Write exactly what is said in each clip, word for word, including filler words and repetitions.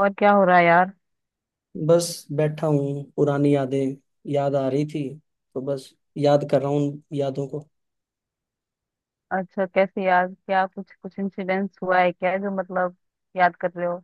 और क्या हो रहा है यार? बस बैठा हूँ, पुरानी यादें याद आ रही थी, तो बस याद कर रहा हूँ उन यादों को। अच्छा, कैसे यार? क्या कुछ कुछ इंसिडेंट्स हुआ है क्या जो मतलब याद कर रहे हो?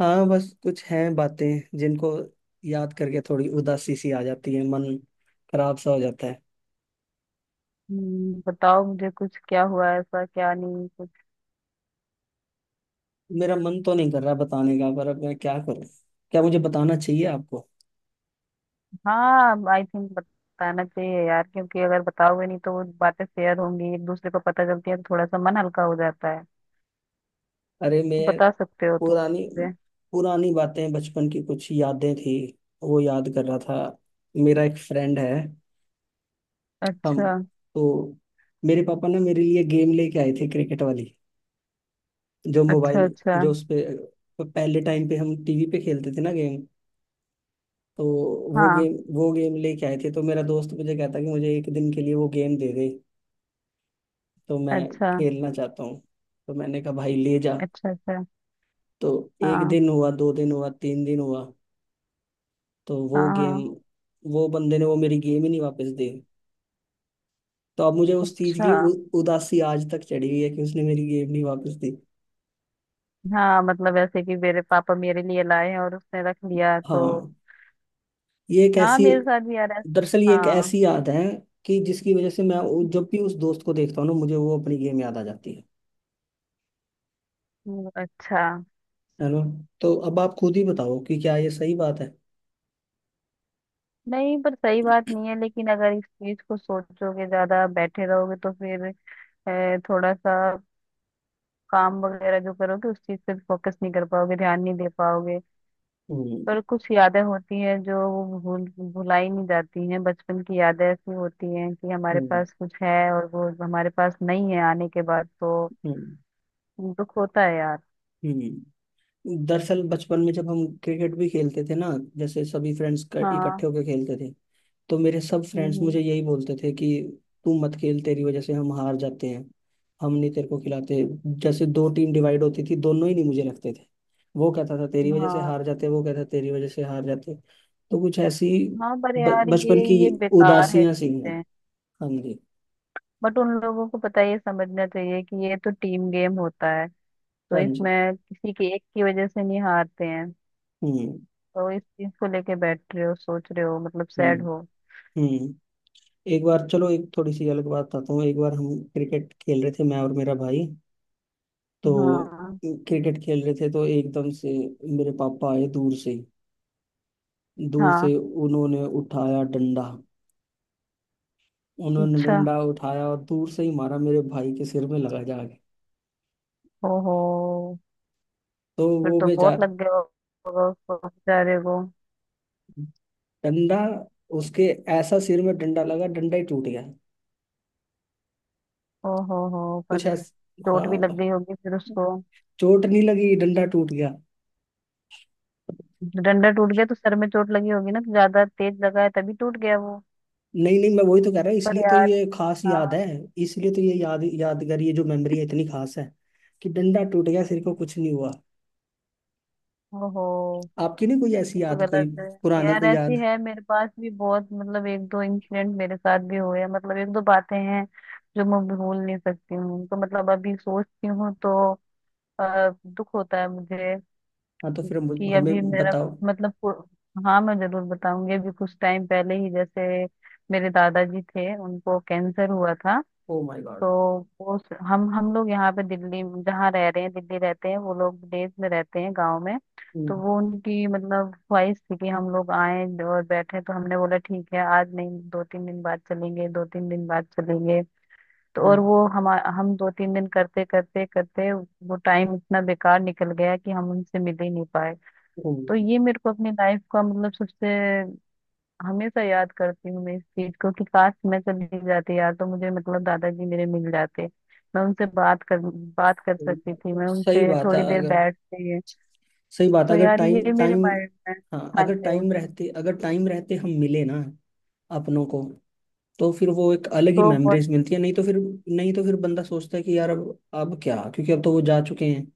हाँ, बस कुछ हैं बातें जिनको याद करके थोड़ी उदासी सी आ जाती है, मन खराब सा हो जाता है। हम्म, बताओ मुझे कुछ, क्या हुआ है ऐसा, क्या नहीं कुछ। मेरा मन तो नहीं कर रहा बताने का, पर अब मैं क्या करूँ, क्या मुझे बताना चाहिए आपको? हाँ, आई थिंक बताना चाहिए यार, क्योंकि अगर बताओगे नहीं तो वो बातें शेयर होंगी, एक दूसरे को पता चलती है तो थोड़ा सा मन हल्का हो जाता है। अरे तो मैं बता सकते हो तुम पुरानी मुझे। पुरानी बातें, बचपन की कुछ यादें थी, वो याद कर रहा था। मेरा एक फ्रेंड है। हम अच्छा, तो, मेरे पापा ना मेरे लिए गेम लेके आए थे, क्रिकेट वाली, जो अच्छा, मोबाइल, अच्छा। जो उस पे पहले टाइम पे हम टीवी पे खेलते थे ना गेम। तो वो हाँ, गेम वो गेम लेके आए थे, तो मेरा दोस्त मुझे कहता कि मुझे एक दिन के लिए वो गेम दे दे, तो मैं अच्छा, खेलना चाहता हूँ। तो मैंने कहा भाई ले जा। अच्छा, अच्छा। तो एक हाँ, दिन हुआ, दो दिन हुआ, तीन दिन हुआ, तो वो हाँ, गेम, हाँ। वो बंदे ने वो मेरी गेम ही नहीं वापस दी। तो अब मुझे उस चीज की अच्छा। उ, उदासी आज तक चढ़ी हुई है कि उसने मेरी गेम नहीं वापस दी। हाँ मतलब ऐसे कि मेरे पापा मेरे लिए लाए हैं और उसने रख लिया तो। हाँ, ये एक हाँ, ऐसी, मेरे साथ भी आ रहा है। दरअसल ये एक हाँ। ऐसी याद है कि जिसकी वजह से मैं वो- जब भी उस दोस्त को देखता हूँ ना, मुझे वो अपनी गेम याद आ जाती है। हम्म, अच्छा। है ना? तो अब आप खुद ही बताओ कि क्या ये सही बात है। नहीं, पर सही बात नहीं है, लेकिन अगर इस चीज को सोचोगे, ज्यादा बैठे रहोगे तो फिर अ, थोड़ा सा काम वगैरह जो करोगे उस चीज पे फोकस नहीं कर पाओगे, ध्यान नहीं दे पाओगे। हम्म पर कुछ यादें होती हैं जो वो भूल भुलाई नहीं जाती हैं। बचपन की यादें ऐसी होती हैं कि हमारे हम्म पास कुछ है और वो हमारे पास नहीं है आने के बाद, तो हम्म दुख होता है यार। हम्म। दरअसल बचपन में जब हम क्रिकेट भी खेलते थे ना, जैसे सभी फ्रेंड्स हाँ। इकट्ठे होकर खेलते थे, तो मेरे सब फ्रेंड्स हम्म, मुझे यही बोलते थे कि तू मत खेल, तेरी वजह से हम हार जाते हैं, हम नहीं तेरे को खिलाते। जैसे दो टीम डिवाइड होती थी, दोनों ही नहीं मुझे रखते थे। वो कहता था तेरी हम्म, वजह से हाँ। हार जाते, वो कहता तेरी वजह से हार जाते। तो कुछ ऐसी हाँ, पर ब- यार बचपन ये की ये बेकार है उदासियां सी हैं। चीजें। हाँ जी। बट उन लोगों को पता है, ये समझना चाहिए कि ये तो टीम गेम होता है, तो हाँ जी। इसमें किसी के एक की वजह से नहीं हारते हैं। हम्म। तो इस चीज को लेके बैठ रहे हो, सोच रहे हो, मतलब हम्म। सैड हो। हम्म। एक बार, चलो एक थोड़ी सी अलग बात बताता हूँ। एक बार हम क्रिकेट खेल रहे थे, मैं और मेरा भाई, तो हाँ, क्रिकेट खेल रहे थे, तो एकदम से मेरे पापा आए दूर से ही। दूर हाँ, से उन्होंने उठाया डंडा, उन्होंने अच्छा। डंडा उठाया और दूर से ही मारा, मेरे भाई के सिर में लगा जाके। ओहो। तो फिर वो तो बहुत बेचारा, लग गया होगा उसको बेचारे को। डंडा उसके ऐसा सिर में डंडा लगा, डंडा ही टूट गया। ओहो हो, कुछ पर ऐसा चोट भी लग हाँ। गई होगी फिर उसको। चोट नहीं लगी, डंडा टूट गया। डंडा टूट गया तो सर में चोट लगी होगी ना, तो ज्यादा तेज लगा है तभी टूट गया वो। नहीं नहीं, मैं वही तो कह रहा हूँ, पर इसलिए तो यार, ये खास याद हाँ, है। इसलिए तो ये याद यादगार, ये जो मेमोरी है इतनी खास है कि डंडा टूट गया, सिर को कुछ नहीं हुआ। ओहो, आपकी नहीं कोई ऐसी ये तो याद, कोई गलत है। पुरानी यार, कोई ऐसी याद? है मेरे पास भी बहुत, मतलब एक दो इंसिडेंट मेरे साथ भी हुए हैं, मतलब एक दो बातें हैं जो मैं भूल नहीं सकती हूँ, तो मतलब अभी सोचती हूँ तो अ, दुख होता है मुझे हाँ, तो फिर कि हम- अभी हमें मेरा बताओ। मतलब पु- हाँ, मैं जरूर बताऊंगी। अभी कुछ टाइम पहले ही जैसे मेरे दादाजी थे, उनको कैंसर हुआ था। ओ माय तो गॉड। वो स- हम हम लोग यहाँ पे दिल्ली जहाँ रह रहे हैं, दिल्ली रहते हैं, वो लोग विदेश में रहते हैं, गांव में। तो हम्म। वो उनकी मतलब ख्वाहिश थी कि हम लोग आए और बैठे, तो हमने बोला ठीक है आज नहीं, दो तीन दिन बाद चलेंगे, दो तीन दिन बाद चलेंगे। तो हम्म। और वो हम हम दो तीन दिन करते करते करते वो टाइम इतना बेकार निकल गया कि हम उनसे मिल ही नहीं पाए। तो हम्म। ये मेरे को अपनी लाइफ का मतलब सबसे, हमेशा याद करती हूँ मैं इस चीज को, कि काश मैं चली जाती यार, तो मुझे मतलब दादाजी मेरे मिल जाते। मैं उनसे बात कर बात कर सही सकती बात थी, है, मैं सही उनसे बात है। थोड़ी देर अगर बैठते। सही बात है, तो अगर यार टाइम ये मेरे टाइम माइंड में, हाँ, हाँ अगर जी, टाइम रहते, अगर टाइम रहते हम मिले ना अपनों को, तो फिर वो एक अलग ही तो बहुत, मेमोरीज मिलती है। नहीं तो फिर, नहीं तो फिर बंदा सोचता है कि यार अब अब क्या, क्योंकि अब तो वो जा चुके हैं।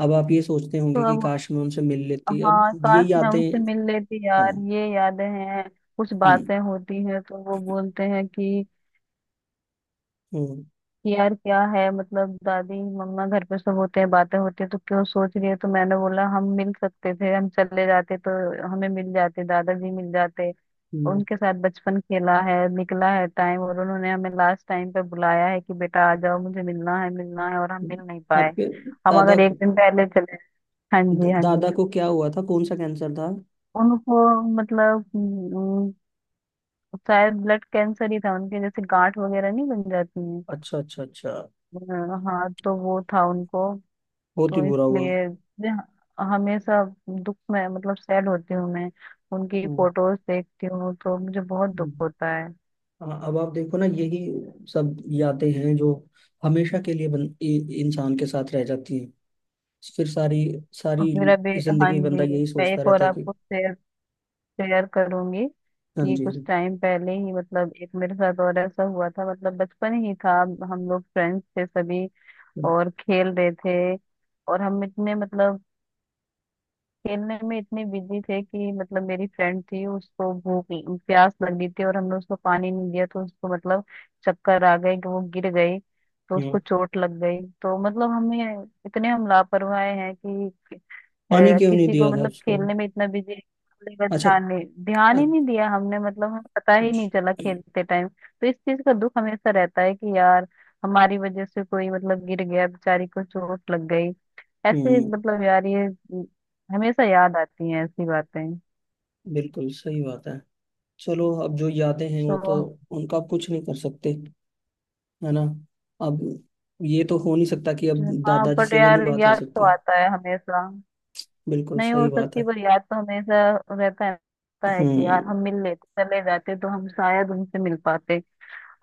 अब आप ये सोचते तो होंगे कि अब, काश मैं उनसे मिल लेती, अब हाँ ये काश मैं यादें। उनसे मिल लेती हाँ। यार, ये यादें हैं। कुछ हम्म। बातें होती हैं तो वो बोलते हैं कि हम्म। यार क्या है, मतलब दादी, मम्मा, घर पे सब होते हैं, बातें होती है तो क्यों सोच रही है। तो मैंने बोला हम मिल सकते थे, हम चले जाते तो हमें मिल जाते, दादाजी मिल जाते। हम्म। उनके साथ बचपन खेला है, निकला है टाइम, और उन्होंने हमें लास्ट टाइम पे बुलाया है कि बेटा आ जाओ, मुझे मिलना है, मिलना है, और हम मिल नहीं हम्म। पाए। आपके हम दादा अगर एक को, दिन पहले चले। हाँ द- जी, हाँ जी। दादा को क्या हुआ था, कौन सा कैंसर था? उनको मतलब हम्म, शायद ब्लड कैंसर ही था उनके, जैसे गांठ वगैरह नहीं बन जाती है। अच्छा अच्छा अच्छा। हाँ, तो वो था उनको, बहुत ही तो बुरा हुआ। इसलिए जहाँ- हमेशा दुख में मतलब सैड होती हूँ मैं। उनकी हम्म। फोटोज देखती हूँ तो मुझे बहुत दुख हम्म। होता है। हाँ, अब आप देखो ना, यही सब यादें हैं जो हमेशा के लिए बन, इ, इंसान के साथ रह जाती हैं। फिर सारी और सारी फिर अभी, हाँ जिंदगी बंदा जी, यही मैं सोचता एक और रहता है कि। आपको शेयर शेयर करूंगी हाँ कि जी। कुछ टाइम पहले ही मतलब एक मेरे साथ और ऐसा हुआ था, मतलब बचपन ही था। हम लोग फ्रेंड्स थे सभी और खेल रहे थे, और हम इतने मतलब खेलने में इतने बिजी थे कि मतलब मेरी फ्रेंड थी, उसको भूख प्यास लगी थी और हमने उसको पानी नहीं दिया, तो उसको मतलब चक्कर आ गए कि वो गिर गई, तो हम्म। उसको चोट लग गई। तो मतलब हमें इतने हम लापरवाह हैं कि पानी अ, क्यों नहीं किसी को दिया था मतलब, उसको? खेलने में इतना बिजी है, का अच्छा। ध्यान नहीं ध्यान अच्छा। ही नहीं दिया हमने, मतलब हमें पता ही नहीं चला खेलते टाइम। तो इस चीज का दुख हमेशा रहता है कि यार हमारी वजह से कोई मतलब गिर गया, बेचारी को चोट लग गई, ऐसे हम्म। मतलब यार ये अम, हमेशा याद आती हैं ऐसी बातें। बिल्कुल सही बात है। चलो अब जो यादें हैं वो तो तो, उनका आप कुछ नहीं कर सकते, है ना? अब ये तो हो नहीं सकता कि अब जो- हाँ, दादाजी बट से भी नहीं यार बात हो याद तो सकती। आता है हमेशा। बिल्कुल नहीं सही हो बात सकती, है। पर याद तो हमेशा रहता है, रहता है कि यार हम्म। हम मिल लेते, चले जाते तो हम शायद उनसे मिल पाते।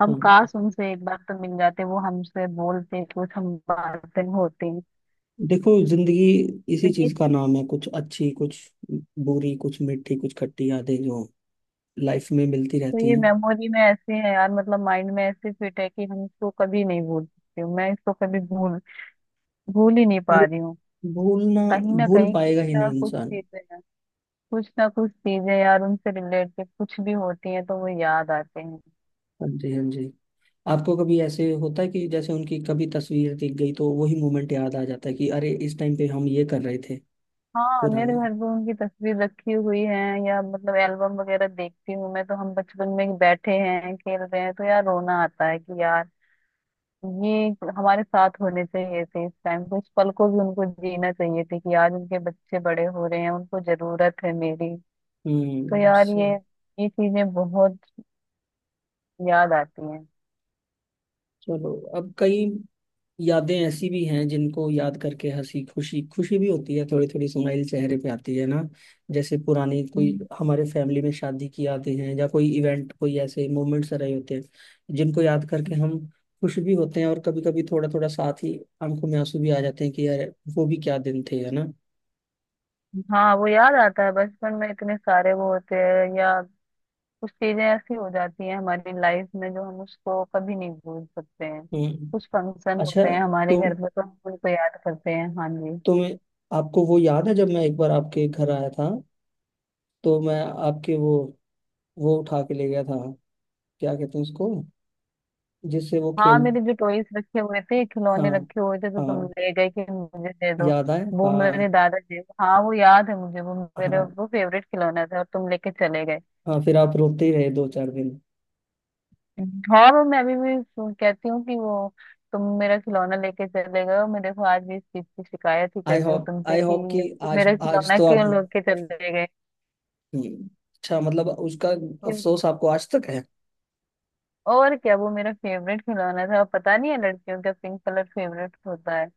हम हाँ। काश उनसे एक बार तो मिल जाते, वो हमसे बोलते कुछ, हम बातें होती। देखो जिंदगी तो इसी ये चीज का नाम है, कुछ अच्छी, कुछ बुरी, कुछ मीठी, कुछ खट्टी यादें जो लाइफ में मिलती तो रहती ये हैं। मेमोरी में ऐसे है यार, मतलब माइंड में ऐसे फिट है कि हम इसको कभी नहीं भूल सकते, मैं इसको कभी भूल भूल ही नहीं पा भूल, रही हूँ। भूलना, कहीं ना भूल कहीं कुछ पाएगा ही ना नहीं कुछ इंसान। चीजें हैं। कुछ ना कुछ चीजें यार उनसे रिलेटेड कुछ भी होती हैं तो वो याद आते हैं। हाँ जी। हाँ जी। आपको कभी ऐसे होता है कि जैसे उनकी कभी तस्वीर दिख गई, तो वही मोमेंट याद आ जाता है कि अरे इस टाइम पे हम ये कर रहे थे, हाँ, मेरे पुराने। घर पे उनकी तस्वीर रखी हुई है या मतलब एल्बम वगैरह देखती हूँ मैं, तो हम बचपन में बैठे हैं खेल रहे हैं, तो यार रोना आता है कि यार ये हमारे साथ होने चाहिए थे इस टाइम, कुछ पल को भी उनको जीना चाहिए थे, कि आज उनके बच्चे बड़े हो रहे हैं, उनको जरूरत है मेरी। तो हम्म। यार सो- ये ये चीजें बहुत याद आती हैं। चलो अब कई यादें ऐसी भी हैं जिनको याद करके हंसी खुशी, खुशी भी होती है, थोड़ी थोड़ी स्माइल चेहरे पे आती है ना, जैसे पुरानी कोई हम्म। हमारे फैमिली में शादी की यादें हैं, या कोई इवेंट, कोई ऐसे मोमेंट्स रहे होते हैं जिनको याद करके हम खुश भी होते हैं, और कभी कभी थोड़ा थोड़ा साथ ही आंखों में आंसू भी आ जाते हैं कि यार वो भी क्या दिन थे, है ना? हाँ, वो याद आता है बचपन में इतने सारे वो होते हैं, या कुछ चीजें ऐसी हो जाती हैं हमारी लाइफ में जो हम उसको कभी नहीं भूल सकते हैं। हम्म। कुछ फंक्शन अच्छा, होते हैं हमारे तो घर में तो हम उनको याद करते हैं, हाँ जी। तुम्हें, आपको वो याद है जब मैं एक बार आपके घर आया था, तो मैं आपके वो वो उठा के ले गया था, क्या कहते हैं उसको, जिससे वो हाँ, खेल। मेरे जो टॉयज रखे हुए थे, हाँ। खिलौने रखे हुए थे, तो तुम हाँ। ले गए कि मुझे दे दो। याद आए, वो मेरे हाँ। दादाजी, हाँ, वो याद है मुझे, वो मेरे हाँ। वो फेवरेट खिलौना था और तुम लेके चले गए। हाँ, फिर आप रोते ही रहे दो चार दिन। और वो मैं अभी भी सु- कहती हूँ कि वो तुम मेरा खिलौना लेके चले गए हो। मैं देखो, आज भी इस चीज की शिकायत ही कर आई रही हूँ होप, तुमसे आई कि होप कि यार तुम आज, मेरा आज खिलौना तो आप। क्यों लेके चले गए? हम्म, अच्छा, मतलब उसका क्यों- अफसोस आपको आज तक है? और क्या, वो मेरा फेवरेट खिलौना था, पता नहीं है, लड़कियों का पिंक कलर फेवरेट होता है।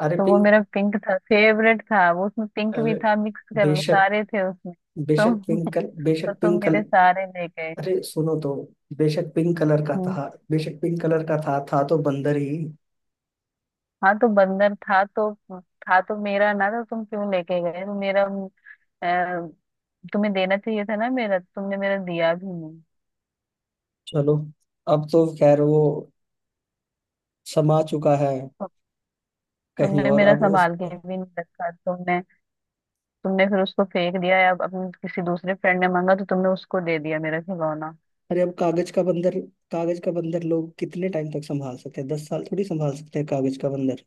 अरे तो वो पिंक, मेरा पिंक था फेवरेट था वो, उसमें पिंक भी अरे था, मिक्स कर बेशक, सारे थे उसमें। बेशक तुम पिंक कल तो, बेशक तुम पिंक कल मेरे सारे ले गए। अरे सुनो तो, बेशक पिंक कलर का हम्म, था बेशक पिंक कलर का था था तो बंदर ही। हाँ तो बंदर था तो, था तो मेरा ना, तो तुम क्यों लेके गए? तो मेरा अ, तुम्हें देना चाहिए था ना मेरा, तो तुमने मेरा दिया भी नहीं। चलो अब तो खैर वो समा चुका है तो कहीं तुमने और, मेरा अब उस, संभाल के भी नहीं रखा तुमने। तुमने फिर उसको फेंक दिया या अपने किसी दूसरे फ्रेंड ने मांगा तो तुमने उसको दे दिया मेरा खिलौना। अरे अब कागज का बंदर, कागज का बंदर लोग कितने टाइम तक संभाल सकते हैं? दस साल थोड़ी संभाल सकते हैं कागज का बंदर।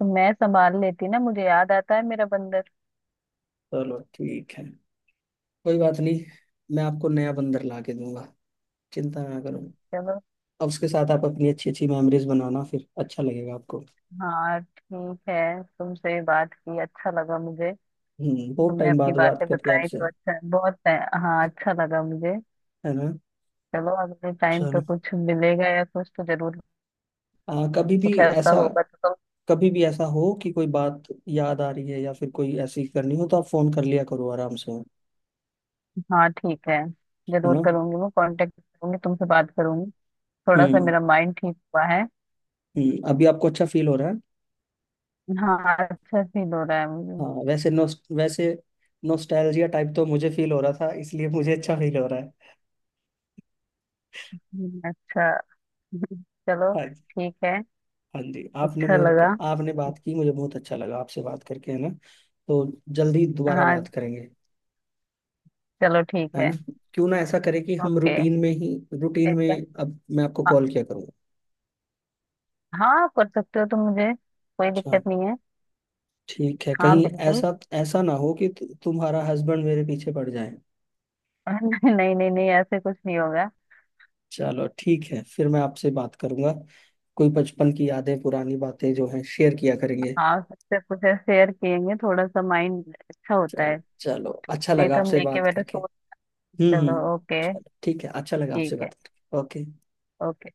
तो मैं संभाल लेती ना, मुझे याद आता है मेरा बंदर। चलो ठीक है, कोई बात नहीं, मैं आपको नया बंदर ला के दूंगा, चिंता ना करो। चलो, अब उसके साथ आप अपनी अच्छी अच्छी मेमोरीज बनाना, फिर अच्छा लगेगा आपको। हाँ ठीक है, तुमसे भी बात की अच्छा लगा मुझे। हम्म। बहुत तुमने टाइम अपनी बाद बात बातें करके बताई आपसे, तो अच्छा बहुत है। हाँ, अच्छा लगा मुझे। है ना? चलो, अगले टाइम पे चलो, कुछ मिलेगा या कुछ तो जरूर, आ, कभी भी कुछ ऐसा ऐसा, होगा तो। कभी भी ऐसा हो कि कोई बात याद आ रही है, या फिर कोई ऐसी करनी हो, तो आप फोन कर लिया करो आराम से, है तुम, हाँ ठीक है, जरूर ना? करूंगी, मैं कांटेक्ट करूंगी, तुमसे बात करूंगी। थोड़ा सा हम्म। मेरा माइंड ठीक हुआ है। हम्म, अभी आपको अच्छा फील हो रहा है? हाँ, अच्छा फील हो रहा है मुझे। हाँ, वैसे नो वैसे नोस्टैल्जिया टाइप तो मुझे फील हो रहा था, इसलिए मुझे अच्छा फील हो रहा है। हम्म, अच्छा। चलो हाँ जी। ठीक है, हाँ जी, आपने अच्छा मेरे को, लगा, आपने बात की, मुझे बहुत अच्छा लगा आपसे बात करके, है ना? तो जल्दी दोबारा हाँ, बात करेंगे, चलो ठीक है है, ना? क्यों ना ऐसा करें कि हम ओके, रूटीन में ही, रूटीन ठीक है। में, अब मैं आपको कॉल किया करूँगा। हाँ, कर सकते हो तुम मुझे, कोई अच्छा, दिक्कत नहीं है। ठीक है, हाँ, कहीं बिल्कुल। ऐसा, ऐसा ना हो कि तु- तुम्हारा हस्बैंड मेरे पीछे पड़ जाए। नहीं, नहीं, नहीं, नहीं, ऐसे कुछ नहीं होगा। चलो ठीक है, फिर मैं आपसे बात करूंगा। कोई बचपन की यादें, पुरानी बातें जो हैं, शेयर किया करेंगे। हाँ, सबसे कुछ शेयर किएंगे, थोड़ा सा माइंड अच्छा होता चल है। चलो, अच्छा नहीं लगा तो हम आपसे लेके बात बैठे करके। सोच। हम्म। चलो हम्म। ओके, चलो ठीक है, अच्छा लगा आपसे ठीक है, बात करके। ओके। ओके।